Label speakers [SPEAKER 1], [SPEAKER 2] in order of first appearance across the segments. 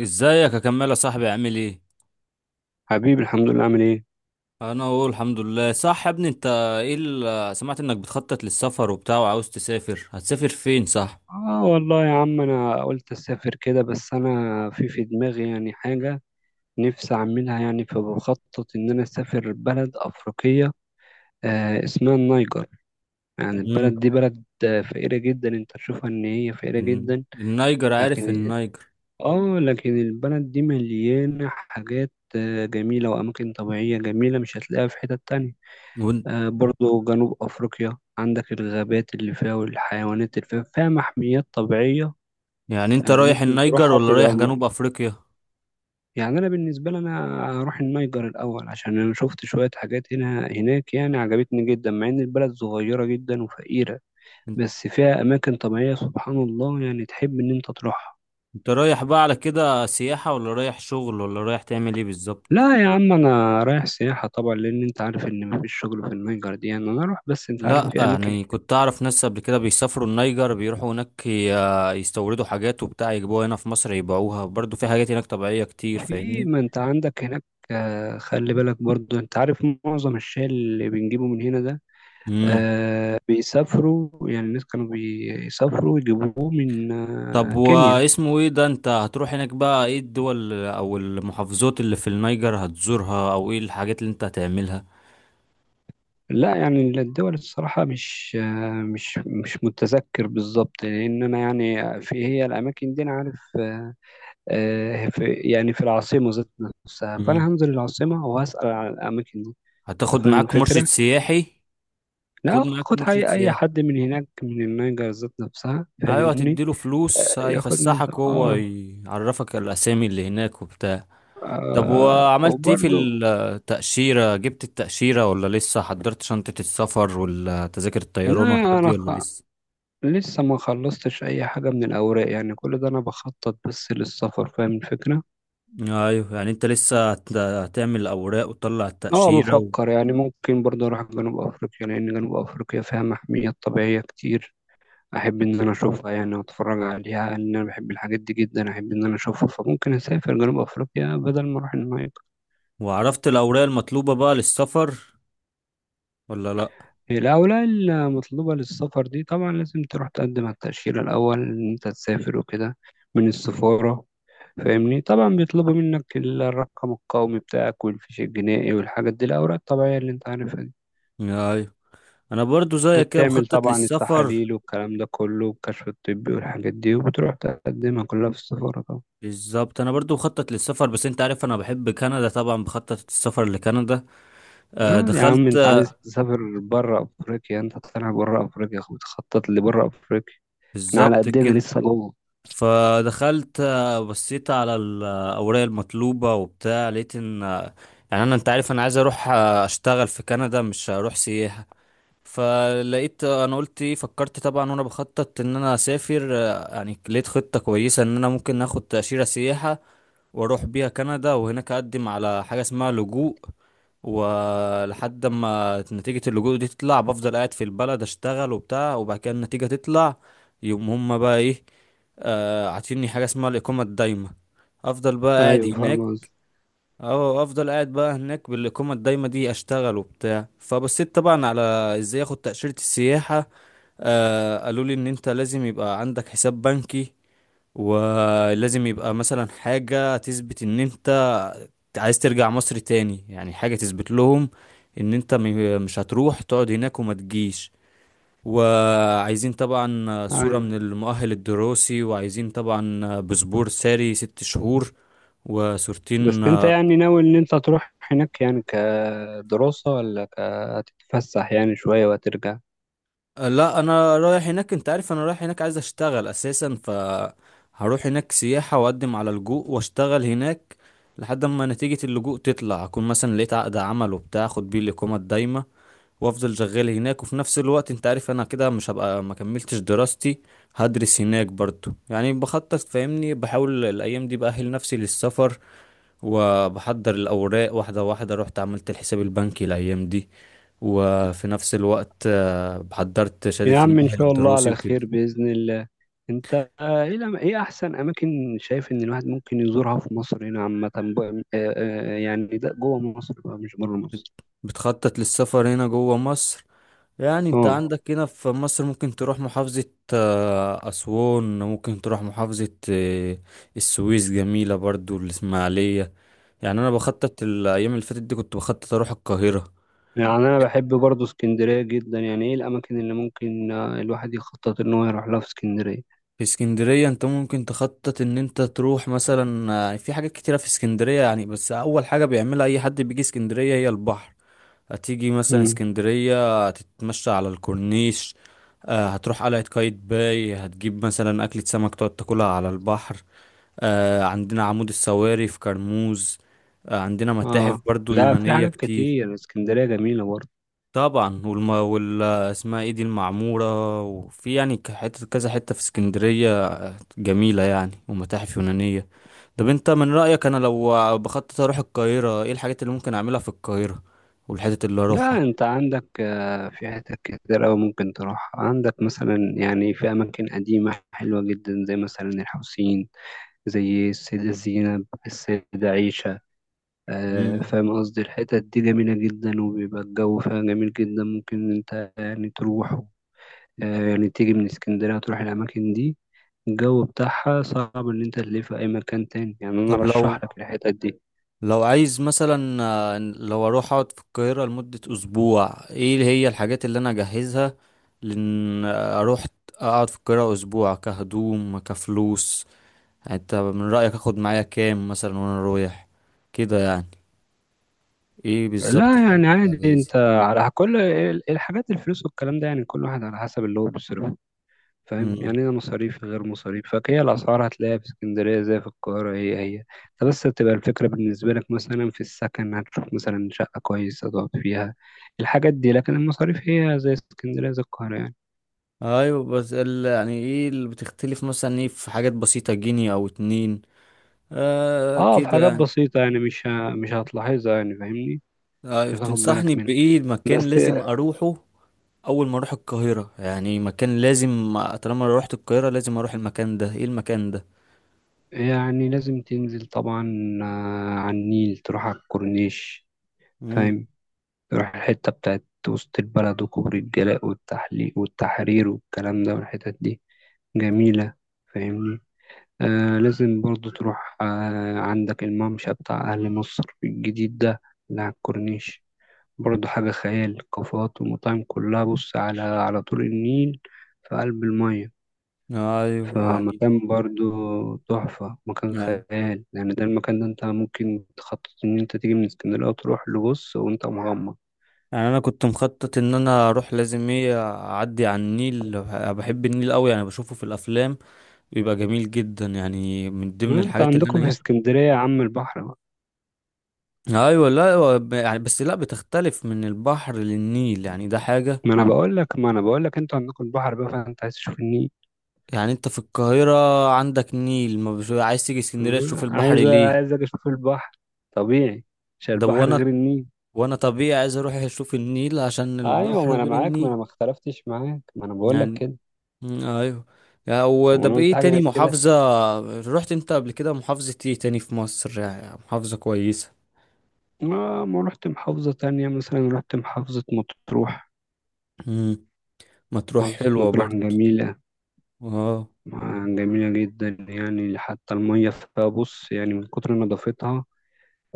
[SPEAKER 1] ازيك؟ اكمل يا صاحبي، عامل ايه؟
[SPEAKER 2] حبيبي الحمد لله، عامل ايه؟
[SPEAKER 1] انا اقول الحمد لله، صح يا ابني انت؟ ايه اللي سمعت انك بتخطط للسفر وبتاع وعاوز تسافر؟ هتسافر فين؟ صح؟
[SPEAKER 2] اه والله يا عم انا قلت اسافر كده، بس انا في دماغي يعني حاجه نفسي اعملها، يعني فبخطط ان انا اسافر بلد افريقيه. اسمها النيجر. يعني
[SPEAKER 1] امم.
[SPEAKER 2] البلد دي بلد فقيره جدا، انت تشوفها ان هي فقيره جدا،
[SPEAKER 1] النيجر، عارف
[SPEAKER 2] لكن.
[SPEAKER 1] النيجر؟
[SPEAKER 2] اه لكن البلد دي مليانه حاجات جميله، واماكن طبيعيه جميله مش هتلاقيها في حتت تانية.
[SPEAKER 1] وإن-.
[SPEAKER 2] برضو جنوب افريقيا، عندك الغابات اللي فيها والحيوانات اللي فيها، فيها محميات طبيعيه.
[SPEAKER 1] يعني انت رايح
[SPEAKER 2] ممكن
[SPEAKER 1] النيجر
[SPEAKER 2] تروحها،
[SPEAKER 1] ولا رايح
[SPEAKER 2] تبقى
[SPEAKER 1] جنوب افريقيا؟
[SPEAKER 2] يعني انا بالنسبه لي انا هروح النيجر الاول، عشان انا شفت شويه حاجات هنا هناك يعني عجبتني جدا، مع ان البلد صغيره جدا وفقيره،
[SPEAKER 1] ان-
[SPEAKER 2] بس فيها اماكن طبيعيه سبحان الله، يعني تحب ان انت تروحها.
[SPEAKER 1] انت رايح بقى على كده سياحة، ولا رايح شغل، ولا رايح تعمل ايه بالظبط؟
[SPEAKER 2] لا يا عم انا رايح سياحه طبعا، لان انت عارف ان مفيش شغل في النيجر دي، يعني انا اروح بس انت عارف
[SPEAKER 1] لا،
[SPEAKER 2] في اماكن.
[SPEAKER 1] يعني كنت اعرف ناس قبل كده بيسافروا النيجر، بيروحوا هناك يستوردوا حاجات وبتاع يجيبوها هنا في مصر يبيعوها. برضو في حاجات هناك طبيعية كتير،
[SPEAKER 2] في
[SPEAKER 1] فاهمني؟
[SPEAKER 2] ما انت عندك هناك. خلي بالك برضو، انت عارف معظم الشاي اللي بنجيبه من هنا ده،
[SPEAKER 1] مم.
[SPEAKER 2] بيسافروا يعني، الناس كانوا بيسافروا يجيبوه من
[SPEAKER 1] طب
[SPEAKER 2] كينيا.
[SPEAKER 1] واسمه ايه ده؟ انت هتروح هناك بقى، ايه الدول او المحافظات اللي في النيجر هتزورها، او ايه الحاجات اللي انت هتعملها؟
[SPEAKER 2] لا يعني الدول الصراحة مش آه مش مش متذكر بالظبط، لأن أنا يعني في هي الأماكن دي أنا عارف. في يعني في العاصمة ذات نفسها،
[SPEAKER 1] مم.
[SPEAKER 2] فأنا هنزل العاصمة وهسأل على الأماكن دي. أنت
[SPEAKER 1] هتاخد
[SPEAKER 2] فاهم
[SPEAKER 1] معاك مرشد
[SPEAKER 2] الفكرة؟
[SPEAKER 1] سياحي؟ خد
[SPEAKER 2] لا
[SPEAKER 1] معاك
[SPEAKER 2] خد
[SPEAKER 1] مرشد
[SPEAKER 2] أي
[SPEAKER 1] سياحي.
[SPEAKER 2] حد من هناك من النيجر ذات نفسها،
[SPEAKER 1] ايوه،
[SPEAKER 2] فاهمني؟
[SPEAKER 1] هتديله فلوس
[SPEAKER 2] ياخدني
[SPEAKER 1] هيفسحك
[SPEAKER 2] ده.
[SPEAKER 1] وهو يعرفك الاسامي اللي هناك وبتاع. طب وعملت ايه في
[SPEAKER 2] وبرضه.
[SPEAKER 1] التأشيرة؟ جبت التأشيرة ولا لسه؟ حضرت شنطة السفر، ولا تذاكر
[SPEAKER 2] لا
[SPEAKER 1] الطيران والحاجات دي ولا
[SPEAKER 2] أنا
[SPEAKER 1] لسه؟
[SPEAKER 2] لسه ما خلصتش اي حاجة من الاوراق، يعني كل ده انا بخطط بس للسفر، فاهم الفكرة.
[SPEAKER 1] ايوه، يعني انت لسه هتعمل اوراق وتطلع
[SPEAKER 2] اه
[SPEAKER 1] التأشيرة.
[SPEAKER 2] بفكر يعني ممكن برضه اروح جنوب افريقيا، لان جنوب افريقيا فيها محميات طبيعية كتير، احب ان انا اشوفها يعني واتفرج عليها، لان انا بحب الحاجات دي جدا، احب ان انا اشوفها، فممكن اسافر جنوب افريقيا بدل ما اروح النايل.
[SPEAKER 1] وعرفت الأوراق المطلوبة بقى للسفر ولا لأ؟
[SPEAKER 2] الاوراق المطلوبة للسفر دي طبعا لازم تروح تقدم على التأشيرة الاول ان انت تسافر وكده، من السفارة. فاهمني، طبعا بيطلبوا منك الرقم القومي بتاعك والفيش الجنائي والحاجات دي، الأوراق الطبيعية اللي أنت عارفها دي.
[SPEAKER 1] أيوة. أنا برضو زيك كده
[SPEAKER 2] وبتعمل
[SPEAKER 1] بخطط
[SPEAKER 2] طبعا
[SPEAKER 1] للسفر.
[SPEAKER 2] التحاليل والكلام ده كله والكشف الطبي والحاجات دي، وبتروح تقدمها كلها في السفارة طبعا.
[SPEAKER 1] بالظبط، أنا برضو بخطط للسفر، بس أنت عارف أنا بحب كندا، طبعا بخطط السفر لكندا.
[SPEAKER 2] لا يا عم
[SPEAKER 1] دخلت.
[SPEAKER 2] انت عايز تسافر بره افريقيا، انت طالع بره افريقيا بتخطط لبره افريقيا، احنا على
[SPEAKER 1] بالظبط
[SPEAKER 2] قدنا
[SPEAKER 1] كده.
[SPEAKER 2] لسه جوه.
[SPEAKER 1] فدخلت، بصيت على الأوراق المطلوبة وبتاع، لقيت إن. يعني أنا، أنت عارف أنا عايز أروح أشتغل في كندا، مش هروح سياحة. فلقيت، انا قلت ايه، فكرت طبعا وانا بخطط ان انا اسافر، يعني لقيت خطة كويسة ان انا ممكن اخد تأشيرة سياحة. واروح بيها كندا، وهناك اقدم على حاجة اسمها لجوء. ولحد ما نتيجة اللجوء دي تطلع، بفضل قاعد في البلد اشتغل وبتاع، وبعد كده النتيجة تطلع. يقوم هما بقى ايه، عاطيني حاجة اسمها الإقامة الدايمة. أفضل بقى قاعد
[SPEAKER 2] ايوه
[SPEAKER 1] هناك.
[SPEAKER 2] فاهم قصدي.
[SPEAKER 1] اه، افضل قاعد بقى هناك بالاقامه الدايمه دي، اشتغل وبتاع. فبصيت طبعا على ازاي اخد تاشيره السياحه. قالوا لي ان انت لازم يبقى عندك حساب بنكي، ولازم يبقى مثلا حاجه تثبت ان انت عايز ترجع مصر تاني، يعني حاجه تثبت لهم ان انت مش هتروح تقعد هناك وما تجيش. وعايزين طبعا صوره
[SPEAKER 2] ايوه،
[SPEAKER 1] من المؤهل الدراسي، وعايزين طبعا باسبور ساري 6 شهور، وصورتين.
[SPEAKER 2] بس انت يعني ناوي ان انت تروح هناك يعني كدراسة، ولا هتتفسح يعني شوية وهترجع؟
[SPEAKER 1] لا، انا رايح هناك. انت عارف انا رايح هناك عايز اشتغل اساسا، ف هروح هناك سياحة واقدم على لجوء واشتغل هناك. لحد ما نتيجة اللجوء تطلع، اكون مثلا لقيت عقد عمل وبتاع، اخد بيه الاقامة الدايمة، وافضل شغال هناك. وفي نفس الوقت انت عارف انا كده مش هبقى ما كملتش دراستي، هدرس هناك برضو. يعني بخطط، فاهمني، بحاول الايام دي بأهل نفسي للسفر، وبحضر الاوراق واحدة واحدة، رحت عملت الحساب البنكي الايام دي، وفي نفس الوقت حضرت شهادة
[SPEAKER 2] يا عم إن
[SPEAKER 1] المؤهل
[SPEAKER 2] شاء الله
[SPEAKER 1] الدراسي
[SPEAKER 2] على خير
[SPEAKER 1] وكده.
[SPEAKER 2] بإذن الله. أنت إيه لم- إيه أحسن أماكن شايف إن الواحد ممكن يزورها في مصر هنا عامة يعني ده جوه مصر بقى مش بره مصر؟
[SPEAKER 1] بتخطط للسفر هنا جوه مصر؟ يعني انت
[SPEAKER 2] أه.
[SPEAKER 1] عندك هنا في مصر ممكن تروح محافظة أسوان، ممكن تروح محافظة السويس، جميلة برضو الإسماعيلية. يعني أنا بخطط الأيام اللي فاتت دي، كنت بخطط أروح القاهرة.
[SPEAKER 2] يعني أنا بحب برضه اسكندرية جدا، يعني إيه الأماكن اللي ممكن الواحد يخطط إن هو يروح لها في اسكندرية؟
[SPEAKER 1] في اسكندرية انت ممكن تخطط ان انت تروح مثلا، في حاجات كتيرة في اسكندرية. يعني بس أول حاجة بيعملها أي حد بيجي اسكندرية هي البحر. هتيجي مثلا
[SPEAKER 2] مم.
[SPEAKER 1] اسكندرية، هتتمشى على الكورنيش، هتروح قلعة قايتباي، هتجيب مثلا أكلة سمك تقعد تاكلها على البحر. عندنا عمود السواري في كرموز. عندنا متاحف
[SPEAKER 2] أه.
[SPEAKER 1] برضو
[SPEAKER 2] لا، في
[SPEAKER 1] يونانية
[SPEAKER 2] حاجات
[SPEAKER 1] كتير.
[SPEAKER 2] كتير، اسكندرية جميلة برضه.
[SPEAKER 1] طبعا وال اسمها ايه دي المعمورة، وفي يعني حتة كذا حتة في اسكندرية، جميلة يعني، ومتاحف يونانية. طب انت من رأيك، انا لو بخطط اروح القاهرة، ايه الحاجات اللي ممكن اعملها في القاهرة والحتت اللي
[SPEAKER 2] لا
[SPEAKER 1] اروحها؟
[SPEAKER 2] أنت عندك في حتت كتير أوي ممكن تروح، عندك مثلا يعني في أماكن قديمة حلوة جدا، زي مثلا الحسين، زي السيدة زينب، السيدة عيشة.
[SPEAKER 1] مم.
[SPEAKER 2] فاهم قصدي، الحتت دي جميلة جدا، وبيبقى الجو فيها جميل جدا، ممكن انت يعني تروح، يعني تيجي من اسكندرية وتروح الأماكن دي. الجو بتاعها صعب إن أنت تلاقيه في أي مكان تاني، يعني أنا
[SPEAKER 1] طب لو
[SPEAKER 2] أرشح لك الحتت دي.
[SPEAKER 1] لو عايز مثلا، لو اروح اقعد في القاهرة لمدة اسبوع، ايه اللي هي الحاجات اللي انا اجهزها، لان اروح اقعد في القاهرة اسبوع، كهدوم، كفلوس، يعني انت من رأيك اخد معايا كام مثلا وانا رايح كده يعني، ايه بالظبط
[SPEAKER 2] لا يعني
[SPEAKER 1] الحاجات اللي
[SPEAKER 2] عادي،
[SPEAKER 1] هجهزها؟
[SPEAKER 2] أنت على كل الحاجات الفلوس والكلام ده يعني كل واحد على حسب اللي هو بيصرفه، فاهم؟
[SPEAKER 1] مم.
[SPEAKER 2] يعني ليها مصاريف غير مصاريف، فهي الأسعار هتلاقيها في اسكندرية زي في القاهرة، هي هي، انت بس بتبقى الفكرة بالنسبة لك مثلا في السكن، هتشوف مثلا شقة كويسة تقعد فيها، الحاجات دي. لكن المصاريف هي زي اسكندرية زي القاهرة يعني.
[SPEAKER 1] ايوه بس يعني ايه اللي بتختلف، مثلا ايه، في حاجات بسيطة، جنيه او اتنين،
[SPEAKER 2] اه في
[SPEAKER 1] كده
[SPEAKER 2] حاجات
[SPEAKER 1] يعني.
[SPEAKER 2] بسيطة يعني مش هتلاحظها يعني، فاهمني؟
[SPEAKER 1] ايوه،
[SPEAKER 2] مش هتاخد
[SPEAKER 1] تنصحني
[SPEAKER 2] بالك منها،
[SPEAKER 1] بايه المكان
[SPEAKER 2] بس.
[SPEAKER 1] لازم اروحه؟ اول ما اروح القاهره، يعني مكان لازم، طالما روحت القاهره لازم اروح المكان ده، ايه المكان ده؟
[SPEAKER 2] يعني لازم تنزل طبعا على النيل، تروح على الكورنيش،
[SPEAKER 1] امم.
[SPEAKER 2] فاهم؟ تروح الحتة بتاعت وسط البلد وكوبري الجلاء والتحليق والتحرير والكلام ده، والحتت دي جميلة، فاهمني؟ آه لازم برضو تروح، آه عندك الممشى بتاع أهل مصر الجديد ده اللي على الكورنيش، برضو حاجة خيال، كافيهات ومطاعم كلها بص على طول النيل في قلب المية.
[SPEAKER 1] ايوه.
[SPEAKER 2] فمكان برضو تحفة، مكان
[SPEAKER 1] يعني
[SPEAKER 2] خيال يعني، ده المكان ده انت ممكن تخطط ان انت تيجي من اسكندرية وتروح لبص وانت مغمض.
[SPEAKER 1] يعني انا كنت مخطط ان انا اروح لازم ايه، اعدي على النيل. أنا بحب النيل قوي، يعني بشوفه في الافلام، بيبقى جميل جدا، يعني من ضمن
[SPEAKER 2] ما انت
[SPEAKER 1] الحاجات اللي انا
[SPEAKER 2] عندكم في
[SPEAKER 1] ايه.
[SPEAKER 2] اسكندرية يا عم البحر بقى.
[SPEAKER 1] ايوه، لا، هو يعني بس لا، بتختلف من البحر للنيل، يعني ده حاجه.
[SPEAKER 2] ما انا بقول لك، ما انا بقول لك انتوا عندكم البحر بقى، فانت عايز تشوف النيل.
[SPEAKER 1] يعني انت في القاهره عندك نيل، ما بش... عايز تيجي اسكندريه تشوف البحر
[SPEAKER 2] عايز،
[SPEAKER 1] ليه؟
[SPEAKER 2] عايز أجي اشوف البحر، طبيعي، مش
[SPEAKER 1] ده،
[SPEAKER 2] البحر غير
[SPEAKER 1] وانا
[SPEAKER 2] النيل.
[SPEAKER 1] وانا طبيعي عايز اروح اشوف النيل عشان
[SPEAKER 2] ايوه
[SPEAKER 1] البحر
[SPEAKER 2] ما انا
[SPEAKER 1] غير
[SPEAKER 2] معاك، ما
[SPEAKER 1] النيل.
[SPEAKER 2] انا ما اختلفتش معاك، ما انا بقول لك
[SPEAKER 1] يعني،
[SPEAKER 2] كده.
[SPEAKER 1] مم، ايوه. يعني هو ده
[SPEAKER 2] وانا قلت
[SPEAKER 1] بايه،
[SPEAKER 2] حاجه
[SPEAKER 1] تاني
[SPEAKER 2] غير كده؟
[SPEAKER 1] محافظة، رحت انت قبل كده محافظة ايه تاني في مصر، يعني محافظة كويسة؟
[SPEAKER 2] ما رحت محافظه تانية، مثلا رحت محافظه مطروح.
[SPEAKER 1] مم. مطروح
[SPEAKER 2] محافظه
[SPEAKER 1] حلوة
[SPEAKER 2] مطروح
[SPEAKER 1] برضه.
[SPEAKER 2] جميله.
[SPEAKER 1] اه.
[SPEAKER 2] جميله جدا يعني، حتى الميه فيها بص يعني من كتر نظافتها،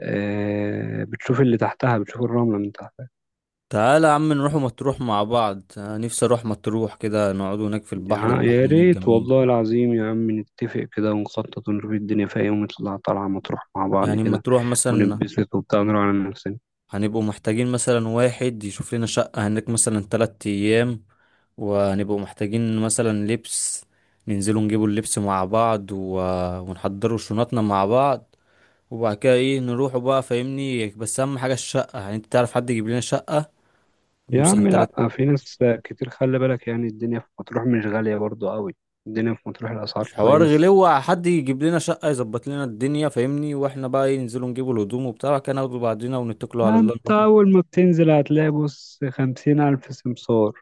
[SPEAKER 2] بتشوف اللي تحتها، بتشوف الرمله من تحت.
[SPEAKER 1] تعالى يا عم، نروح مطروح مع بعض. أنا نفسي اروح مطروح كده، نقعد هناك في البحر. البحر
[SPEAKER 2] يا
[SPEAKER 1] هناك
[SPEAKER 2] ريت
[SPEAKER 1] جميل.
[SPEAKER 2] والله العظيم يا عم، نتفق كده ونخطط ونشوف الدنيا، فيها يوم نطلع طلعة مطروح مع بعض
[SPEAKER 1] يعني
[SPEAKER 2] كده،
[SPEAKER 1] مطروح مثلا،
[SPEAKER 2] ونتبسط وبتاع ونروح على نفسنا.
[SPEAKER 1] هنبقوا محتاجين مثلا واحد يشوف لنا شقة هناك مثلا 3 أيام، وهنبقوا محتاجين مثلا لبس، ننزلوا نجيبوا اللبس مع بعض، ونحضروا شنطنا مع بعض. وبعد كده ايه، نروحوا بقى فاهمني. بس أهم حاجة الشقة، يعني انت تعرف حد يجيب لنا شقة
[SPEAKER 2] يا
[SPEAKER 1] مثلا
[SPEAKER 2] عم لأ،
[SPEAKER 1] تلات.
[SPEAKER 2] في ناس كتير، خلي بالك يعني الدنيا في مطروح مش غالية برضو قوي، الدنيا في مطروح الأسعار
[SPEAKER 1] مش حوار
[SPEAKER 2] كويس.
[SPEAKER 1] غلوة. حد يجيب لنا شقة يظبط لنا الدنيا فاهمني، واحنا بقى ايه، ننزلوا نجيبوا الهدوم وبتاع كده، ناخدوا بعضنا ونتكلوا على الله.
[SPEAKER 2] أنت أول ما بتنزل هتلاقي بص 50,000 سمسار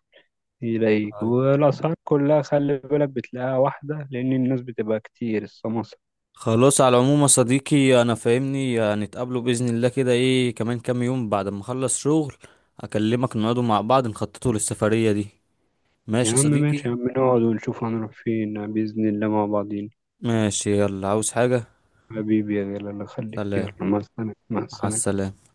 [SPEAKER 2] يلاقيك، والأسعار كلها خلي بالك بتلاقيها واحدة، لأن الناس بتبقى كتير السماسرة.
[SPEAKER 1] خلاص، على العموم يا صديقي، انا فاهمني، هنتقابلوا باذن الله كده، ايه كمان كام يوم بعد ما اخلص شغل، اكلمك نقعدوا مع بعض نخططوا للسفريه دي.
[SPEAKER 2] يا
[SPEAKER 1] ماشي يا
[SPEAKER 2] عم ماشي
[SPEAKER 1] صديقي.
[SPEAKER 2] يا عم، نقعد ونشوف هنروح فين بإذن الله مع بعض.
[SPEAKER 1] ماشي، يلا، عاوز حاجه؟
[SPEAKER 2] حبيبي يا غالي الله يخليك،
[SPEAKER 1] سلام.
[SPEAKER 2] يلا مع السلامة، مع
[SPEAKER 1] مع
[SPEAKER 2] السلامة.
[SPEAKER 1] السلامه.